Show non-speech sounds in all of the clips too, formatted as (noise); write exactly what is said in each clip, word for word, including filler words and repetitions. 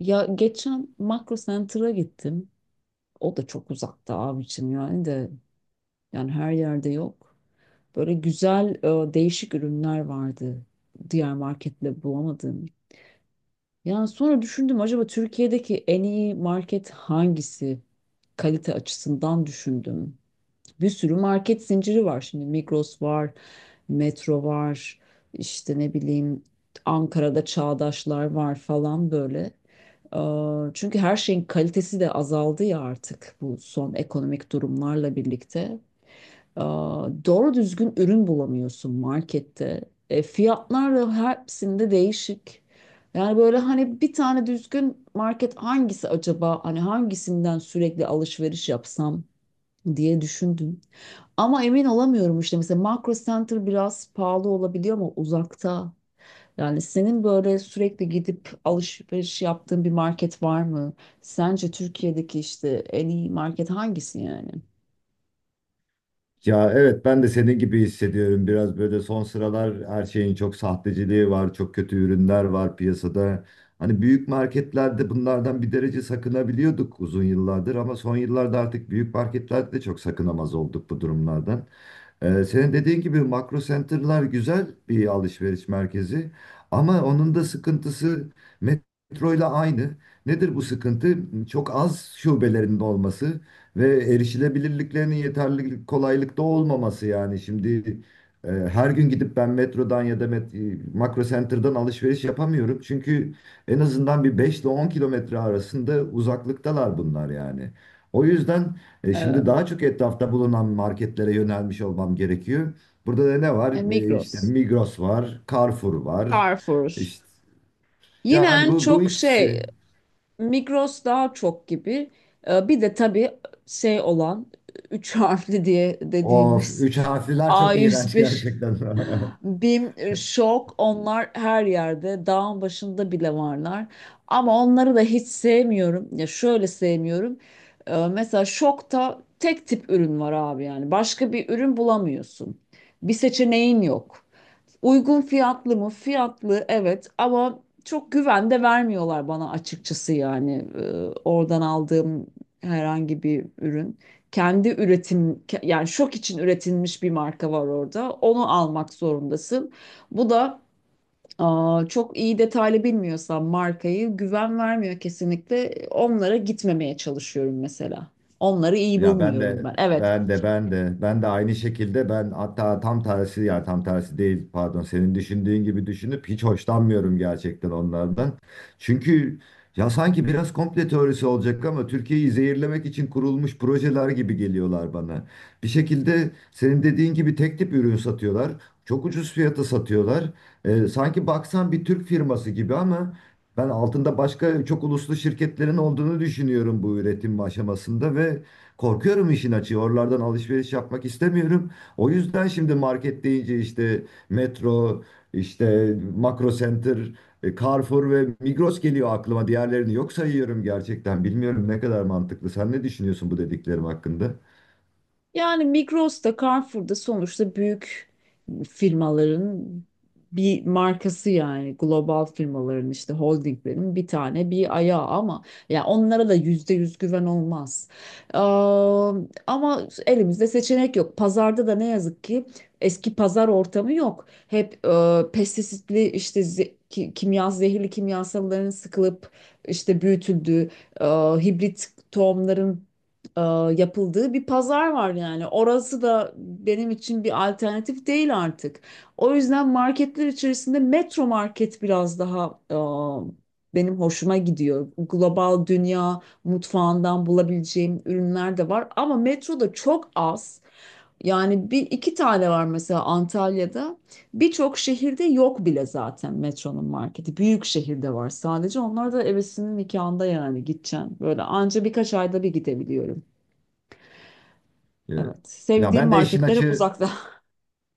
Ya geçen Makro Center'a gittim. O da çok uzakta abi için, yani de yani her yerde yok. Böyle güzel, e, değişik ürünler vardı. Diğer marketle bulamadım. Yani sonra düşündüm, acaba Türkiye'deki en iyi market hangisi? Kalite açısından düşündüm. Bir sürü market zinciri var şimdi. Migros var, Metro var, işte ne bileyim, Ankara'da Çağdaşlar var falan böyle. Eee, Çünkü her şeyin kalitesi de azaldı ya artık, bu son ekonomik durumlarla birlikte. Eee, Doğru düzgün ürün bulamıyorsun markette. E, Fiyatlar da hepsinde değişik. Yani böyle hani, bir tane düzgün market hangisi acaba? Hani hangisinden sürekli alışveriş yapsam diye düşündüm. Ama emin olamıyorum işte, mesela Makro Center biraz pahalı olabiliyor ama uzakta. Yani senin böyle sürekli gidip alışveriş yaptığın bir market var mı? Sence Türkiye'deki işte en iyi market hangisi yani? Ya evet, ben de senin gibi hissediyorum. Biraz böyle son sıralar her şeyin çok sahteciliği var, çok kötü ürünler var piyasada. Hani büyük marketlerde bunlardan bir derece sakınabiliyorduk uzun yıllardır ama son yıllarda artık büyük marketlerde de çok sakınamaz olduk bu durumlardan. Ee, senin dediğin gibi Makro Center'lar güzel bir alışveriş merkezi ama onun da sıkıntısı Metroyla aynı. Nedir bu sıkıntı? Çok az şubelerinin olması ve erişilebilirliklerinin yeterli kolaylıkta olmaması yani. Şimdi e, her gün gidip ben Metrodan ya da met- e, Makro Center'dan alışveriş yapamıyorum. Çünkü en azından bir beş ile on kilometre arasında uzaklıktalar bunlar yani. O yüzden. E şimdi Evet. daha çok etrafta bulunan marketlere yönelmiş olmam gerekiyor. Burada da ne var? E, E Migros, işte Migros var, Carrefour var. Carrefour. İşte Yine yani en bu bu çok şey, ikisi. Migros daha çok gibi. E, Bir de tabii şey olan, üç harfli diye Of, dediğimiz üç harfliler a çok yüz iğrenç bir gerçekten. (laughs) BİM, Şok, onlar her yerde. Dağın başında bile varlar. Ama onları da hiç sevmiyorum. Ya şöyle sevmiyorum. Ee, mesela Şok'ta tek tip ürün var abi yani. Başka bir ürün bulamıyorsun. Bir seçeneğin yok. Uygun fiyatlı mı? Fiyatlı, evet, ama çok güven de vermiyorlar bana, açıkçası yani. Ee, oradan aldığım herhangi bir ürün. Kendi üretim ke- yani Şok için üretilmiş bir marka var orada. Onu almak zorundasın. Bu da, Aa, çok iyi detaylı bilmiyorsam markayı, güven vermiyor kesinlikle. Onlara gitmemeye çalışıyorum mesela. Onları iyi Ya, ben bulmuyorum de ben. Evet. ben de ben de ben de aynı şekilde, ben hatta tam tersi, ya tam tersi değil, pardon, senin düşündüğün gibi düşünüp hiç hoşlanmıyorum gerçekten onlardan. Çünkü ya sanki biraz komple teorisi olacak ama Türkiye'yi zehirlemek için kurulmuş projeler gibi geliyorlar bana. Bir şekilde senin dediğin gibi tek tip ürün satıyorlar. Çok ucuz fiyata satıyorlar. Ee, sanki baksan bir Türk firması gibi ama ben altında başka çok uluslu şirketlerin olduğunu düşünüyorum bu üretim aşamasında ve korkuyorum işin açığı. Oralardan alışveriş yapmak istemiyorum. O yüzden şimdi market deyince işte Metro, işte Makro Center, e, Carrefour ve Migros geliyor aklıma. Diğerlerini yok sayıyorum gerçekten. Bilmiyorum ne kadar mantıklı. Sen ne düşünüyorsun bu dediklerim hakkında? Yani Migros'ta, Carrefour'da sonuçta büyük firmaların bir markası, yani global firmaların işte holdinglerin bir tane bir ayağı. Ama ya onlara da yüzde yüz güven olmaz. Ee, ama elimizde seçenek yok. Pazarda da ne yazık ki eski pazar ortamı yok. Hep e, pestisitli, işte ze- ki- kimya, zehirli kimyasalların sıkılıp işte büyütüldüğü, e, hibrit tohumların e, yapıldığı bir pazar var yani. Orası da benim için bir alternatif değil artık. O yüzden marketler içerisinde Metro Market biraz daha, e, benim hoşuma gidiyor. Global dünya mutfağından bulabileceğim ürünler de var, ama metroda çok az. Yani bir iki tane var mesela Antalya'da. Birçok şehirde yok bile zaten metronun marketi. Büyük şehirde var sadece. Onlar da evesinin nikahında yani gideceğim. Böyle anca birkaç ayda bir gidebiliyorum. E, Evet. Ya Sevdiğim ben de işin marketlere açığı uzakta. (laughs)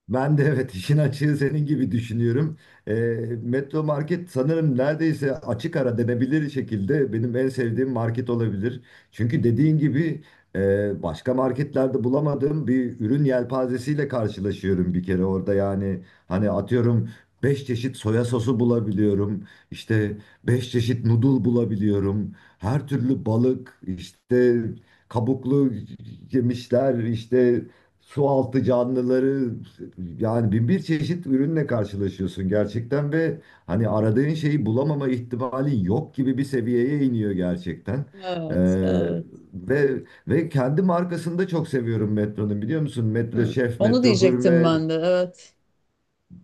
Ben de, evet, işin açığı senin gibi düşünüyorum. Ee, Metro Market sanırım neredeyse açık ara denebilir şekilde benim en sevdiğim market olabilir. Çünkü dediğin gibi e, başka marketlerde bulamadığım bir ürün yelpazesiyle karşılaşıyorum bir kere orada. Yani hani atıyorum beş çeşit soya sosu bulabiliyorum. İşte beş çeşit noodle bulabiliyorum. Her türlü balık, işte kabuklu yemişler, işte su altı canlıları, yani bin bir çeşit ürünle karşılaşıyorsun gerçekten ve hani aradığın şeyi bulamama ihtimalin yok gibi bir seviyeye iniyor gerçekten. Ee, Evet, evet. ve ve kendi markasını da çok seviyorum Metro'nun, biliyor musun? Metro Hı, Şef, onu Metro diyecektim Gurme, ben de. Evet.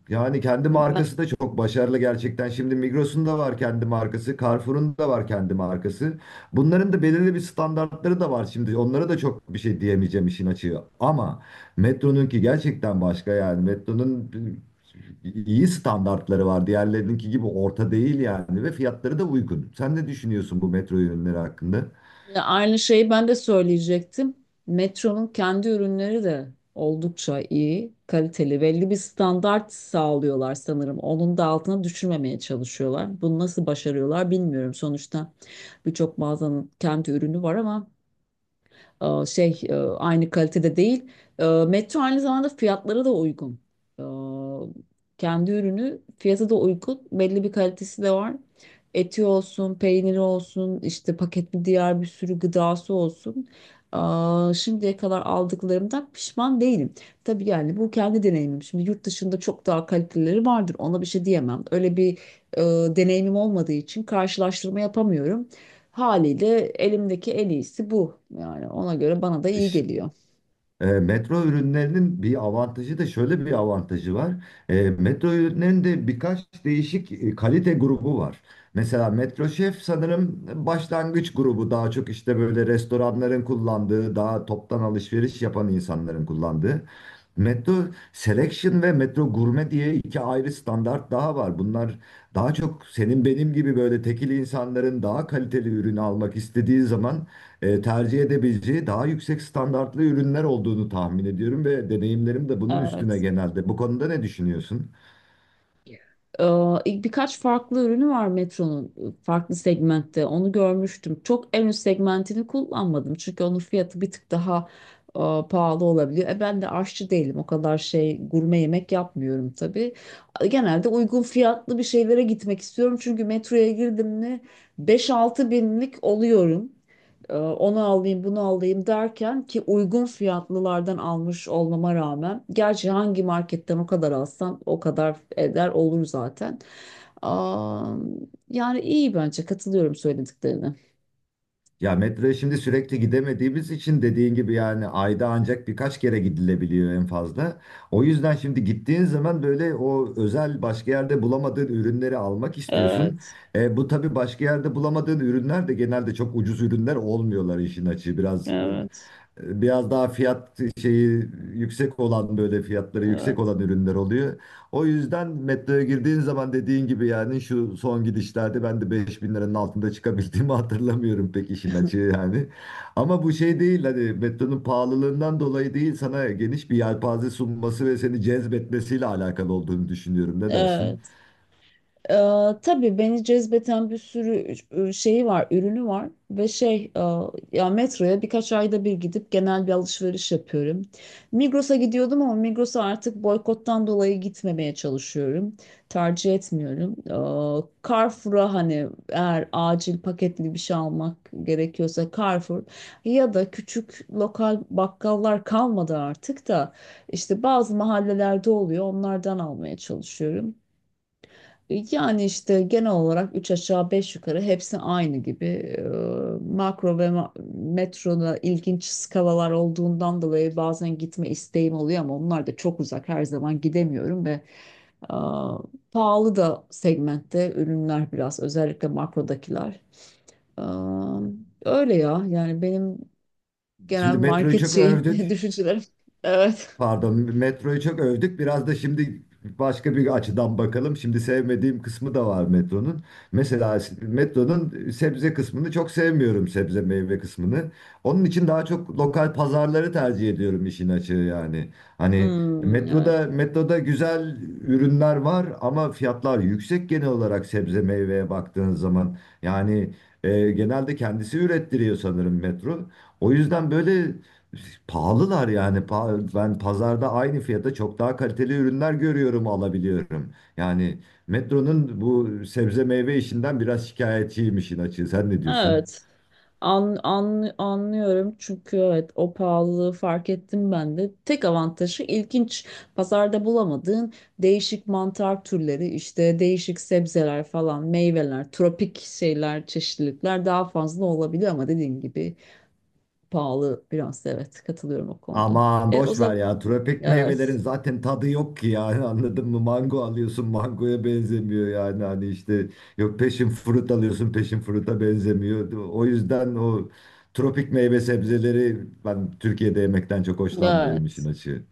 yani kendi Ben, markası da çok başarılı gerçekten. Şimdi Migros'un da var kendi markası, Carrefour'un da var kendi markası. Bunların da belirli bir standartları da var şimdi. Onlara da çok bir şey diyemeyeceğim işin açığı. Ama Metro'nunki gerçekten başka yani. Metro'nun iyi standartları var. Diğerlerininki gibi orta değil yani ve fiyatları da uygun. Sen ne düşünüyorsun bu Metro ürünleri hakkında? ya aynı şeyi ben de söyleyecektim. Metro'nun kendi ürünleri de oldukça iyi, kaliteli. Belli bir standart sağlıyorlar sanırım. Onun da altına düşürmemeye çalışıyorlar. Bunu nasıl başarıyorlar bilmiyorum. Sonuçta birçok mağazanın kendi ürünü var, ama e, şey e, aynı kalitede değil. E, Metro aynı zamanda fiyatları da uygun. E, kendi ürünü fiyatı da uygun. Belli bir kalitesi de var. Eti olsun, peyniri olsun, işte paketli diğer bir sürü gıdası olsun. E, şimdiye kadar aldıklarımdan pişman değilim. Tabii yani bu kendi deneyimim. Şimdi yurt dışında çok daha kalitelileri vardır. Ona bir şey diyemem. Öyle bir e, deneyimim olmadığı için karşılaştırma yapamıyorum. Haliyle elimdeki en iyisi bu. Yani ona göre bana da iyi geliyor. E, metro ürünlerinin bir avantajı da, şöyle bir avantajı var. E, metro ürünlerinin de birkaç değişik e, kalite grubu var. Mesela Metro Chef sanırım başlangıç grubu, daha çok işte böyle restoranların kullandığı, daha toptan alışveriş yapan insanların kullandığı. Metro Selection ve Metro Gurme diye iki ayrı standart daha var. Bunlar daha çok senin benim gibi böyle tekil insanların daha kaliteli ürünü almak istediği zaman e, tercih edebileceği daha yüksek standartlı ürünler olduğunu tahmin ediyorum ve Hı hı. deneyimlerim de bunun üstüne Evet. genelde. Bu konuda ne düşünüyorsun? Ee, ilk birkaç farklı ürünü var Metro'nun, ıı, farklı segmentte. Onu görmüştüm. Çok en üst segmentini kullanmadım. Çünkü onun fiyatı bir tık daha e, pahalı olabiliyor. E, ben de aşçı değilim. O kadar şey gurme yemek yapmıyorum tabii. Genelde uygun fiyatlı bir şeylere gitmek istiyorum. Çünkü metroya girdim mi beş altı binlik oluyorum. Ee, onu alayım, bunu alayım derken ki, uygun fiyatlılardan almış olmama rağmen, gerçi hangi marketten o kadar alsam o kadar eder olur zaten. Aa, yani iyi, bence katılıyorum söylediklerine. Ya Metroya şimdi sürekli gidemediğimiz için, dediğin gibi, yani ayda ancak birkaç kere gidilebiliyor en fazla. O yüzden şimdi gittiğin zaman böyle o özel, başka yerde bulamadığın ürünleri almak istiyorsun. Evet, E, bu tabii başka yerde bulamadığın ürünler de genelde çok ucuz ürünler olmuyorlar işin açığı. Biraz evet, e, biraz daha fiyat şeyi yüksek olan, böyle fiyatları evet. yüksek olan ürünler oluyor. O yüzden Metroya girdiğin zaman dediğin gibi, yani şu son gidişlerde ben de beş bin liranın altında çıkabildiğimi (laughs) hatırlamıyorum pek işin açığı yani. Ama bu şey değil, hani Metronun pahalılığından dolayı değil, sana geniş bir yelpaze sunması ve seni cezbetmesiyle alakalı olduğunu düşünüyorum. Ne dersin? Evet. Ee, tabii beni cezbeten bir sürü e, şeyi var, ürünü var, ve şey e, ya metroya birkaç ayda bir gidip genel bir alışveriş yapıyorum. Migros'a gidiyordum ama Migros'a artık boykottan dolayı gitmemeye çalışıyorum. Tercih etmiyorum. Ee, Carrefour'a hani eğer acil paketli bir şey almak gerekiyorsa Carrefour, ya da küçük lokal bakkallar kalmadı artık da, işte bazı mahallelerde oluyor, onlardan almaya çalışıyorum. Yani işte genel olarak üç aşağı beş yukarı hepsi aynı gibi. Ee, Makro ve ma- metroda ilginç skalalar olduğundan dolayı bazen gitme isteğim oluyor, ama onlar da çok uzak. Her zaman gidemiyorum, ve aa, pahalı da segmentte ürünler biraz, özellikle makrodakiler. Aa, öyle ya, yani benim genel Şimdi Metroyu market çok şeyim (laughs) övdük. düşüncelerim. Evet. Pardon, Metroyu çok övdük. Biraz da şimdi başka bir açıdan bakalım. Şimdi sevmediğim kısmı da var Metronun. Mesela Metronun sebze kısmını çok sevmiyorum, sebze meyve kısmını. Onun için daha çok lokal pazarları tercih ediyorum işin açığı yani. Hani Hmm, evet. metroda metroda güzel ürünler var ama fiyatlar yüksek genel olarak sebze meyveye baktığın zaman. Yani e, genelde kendisi ürettiriyor sanırım Metro. O yüzden böyle pahalılar yani. Pa- Ben pazarda aynı fiyata çok daha kaliteli ürünler görüyorum, alabiliyorum. Yani Metro'nun bu sebze meyve işinden biraz şikayetçiyim işin açığı. Sen ne diyorsun? Evet. An, an, anlıyorum, çünkü evet, o pahalılığı fark ettim ben de. Tek avantajı ilginç, pazarda bulamadığın değişik mantar türleri, işte değişik sebzeler falan, meyveler, tropik şeyler, çeşitlilikler daha fazla olabiliyor, ama dediğin gibi pahalı biraz, evet, katılıyorum o konuda. Aman E, o boş ver zaman ya. Tropik meyvelerin evet, zaten tadı yok ki yani, (laughs) anladın mı? Mango alıyorsun, mangoya benzemiyor, yani hani işte, yok, passion fruit alıyorsun, passion fruit'a benzemiyor. O yüzden o tropik meyve sebzeleri ben Türkiye'de yemekten çok hoşlanmıyorum işin evet. açığı.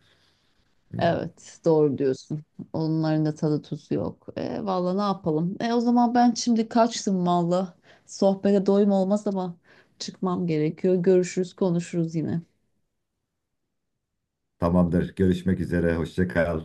Hmm. Evet, doğru diyorsun. Onların da tadı tuzu yok. E, valla ne yapalım? E, o zaman ben şimdi kaçtım valla. Sohbete doyum olmaz ama çıkmam gerekiyor. Görüşürüz, konuşuruz yine. Tamamdır. Görüşmek üzere. Hoşça kal.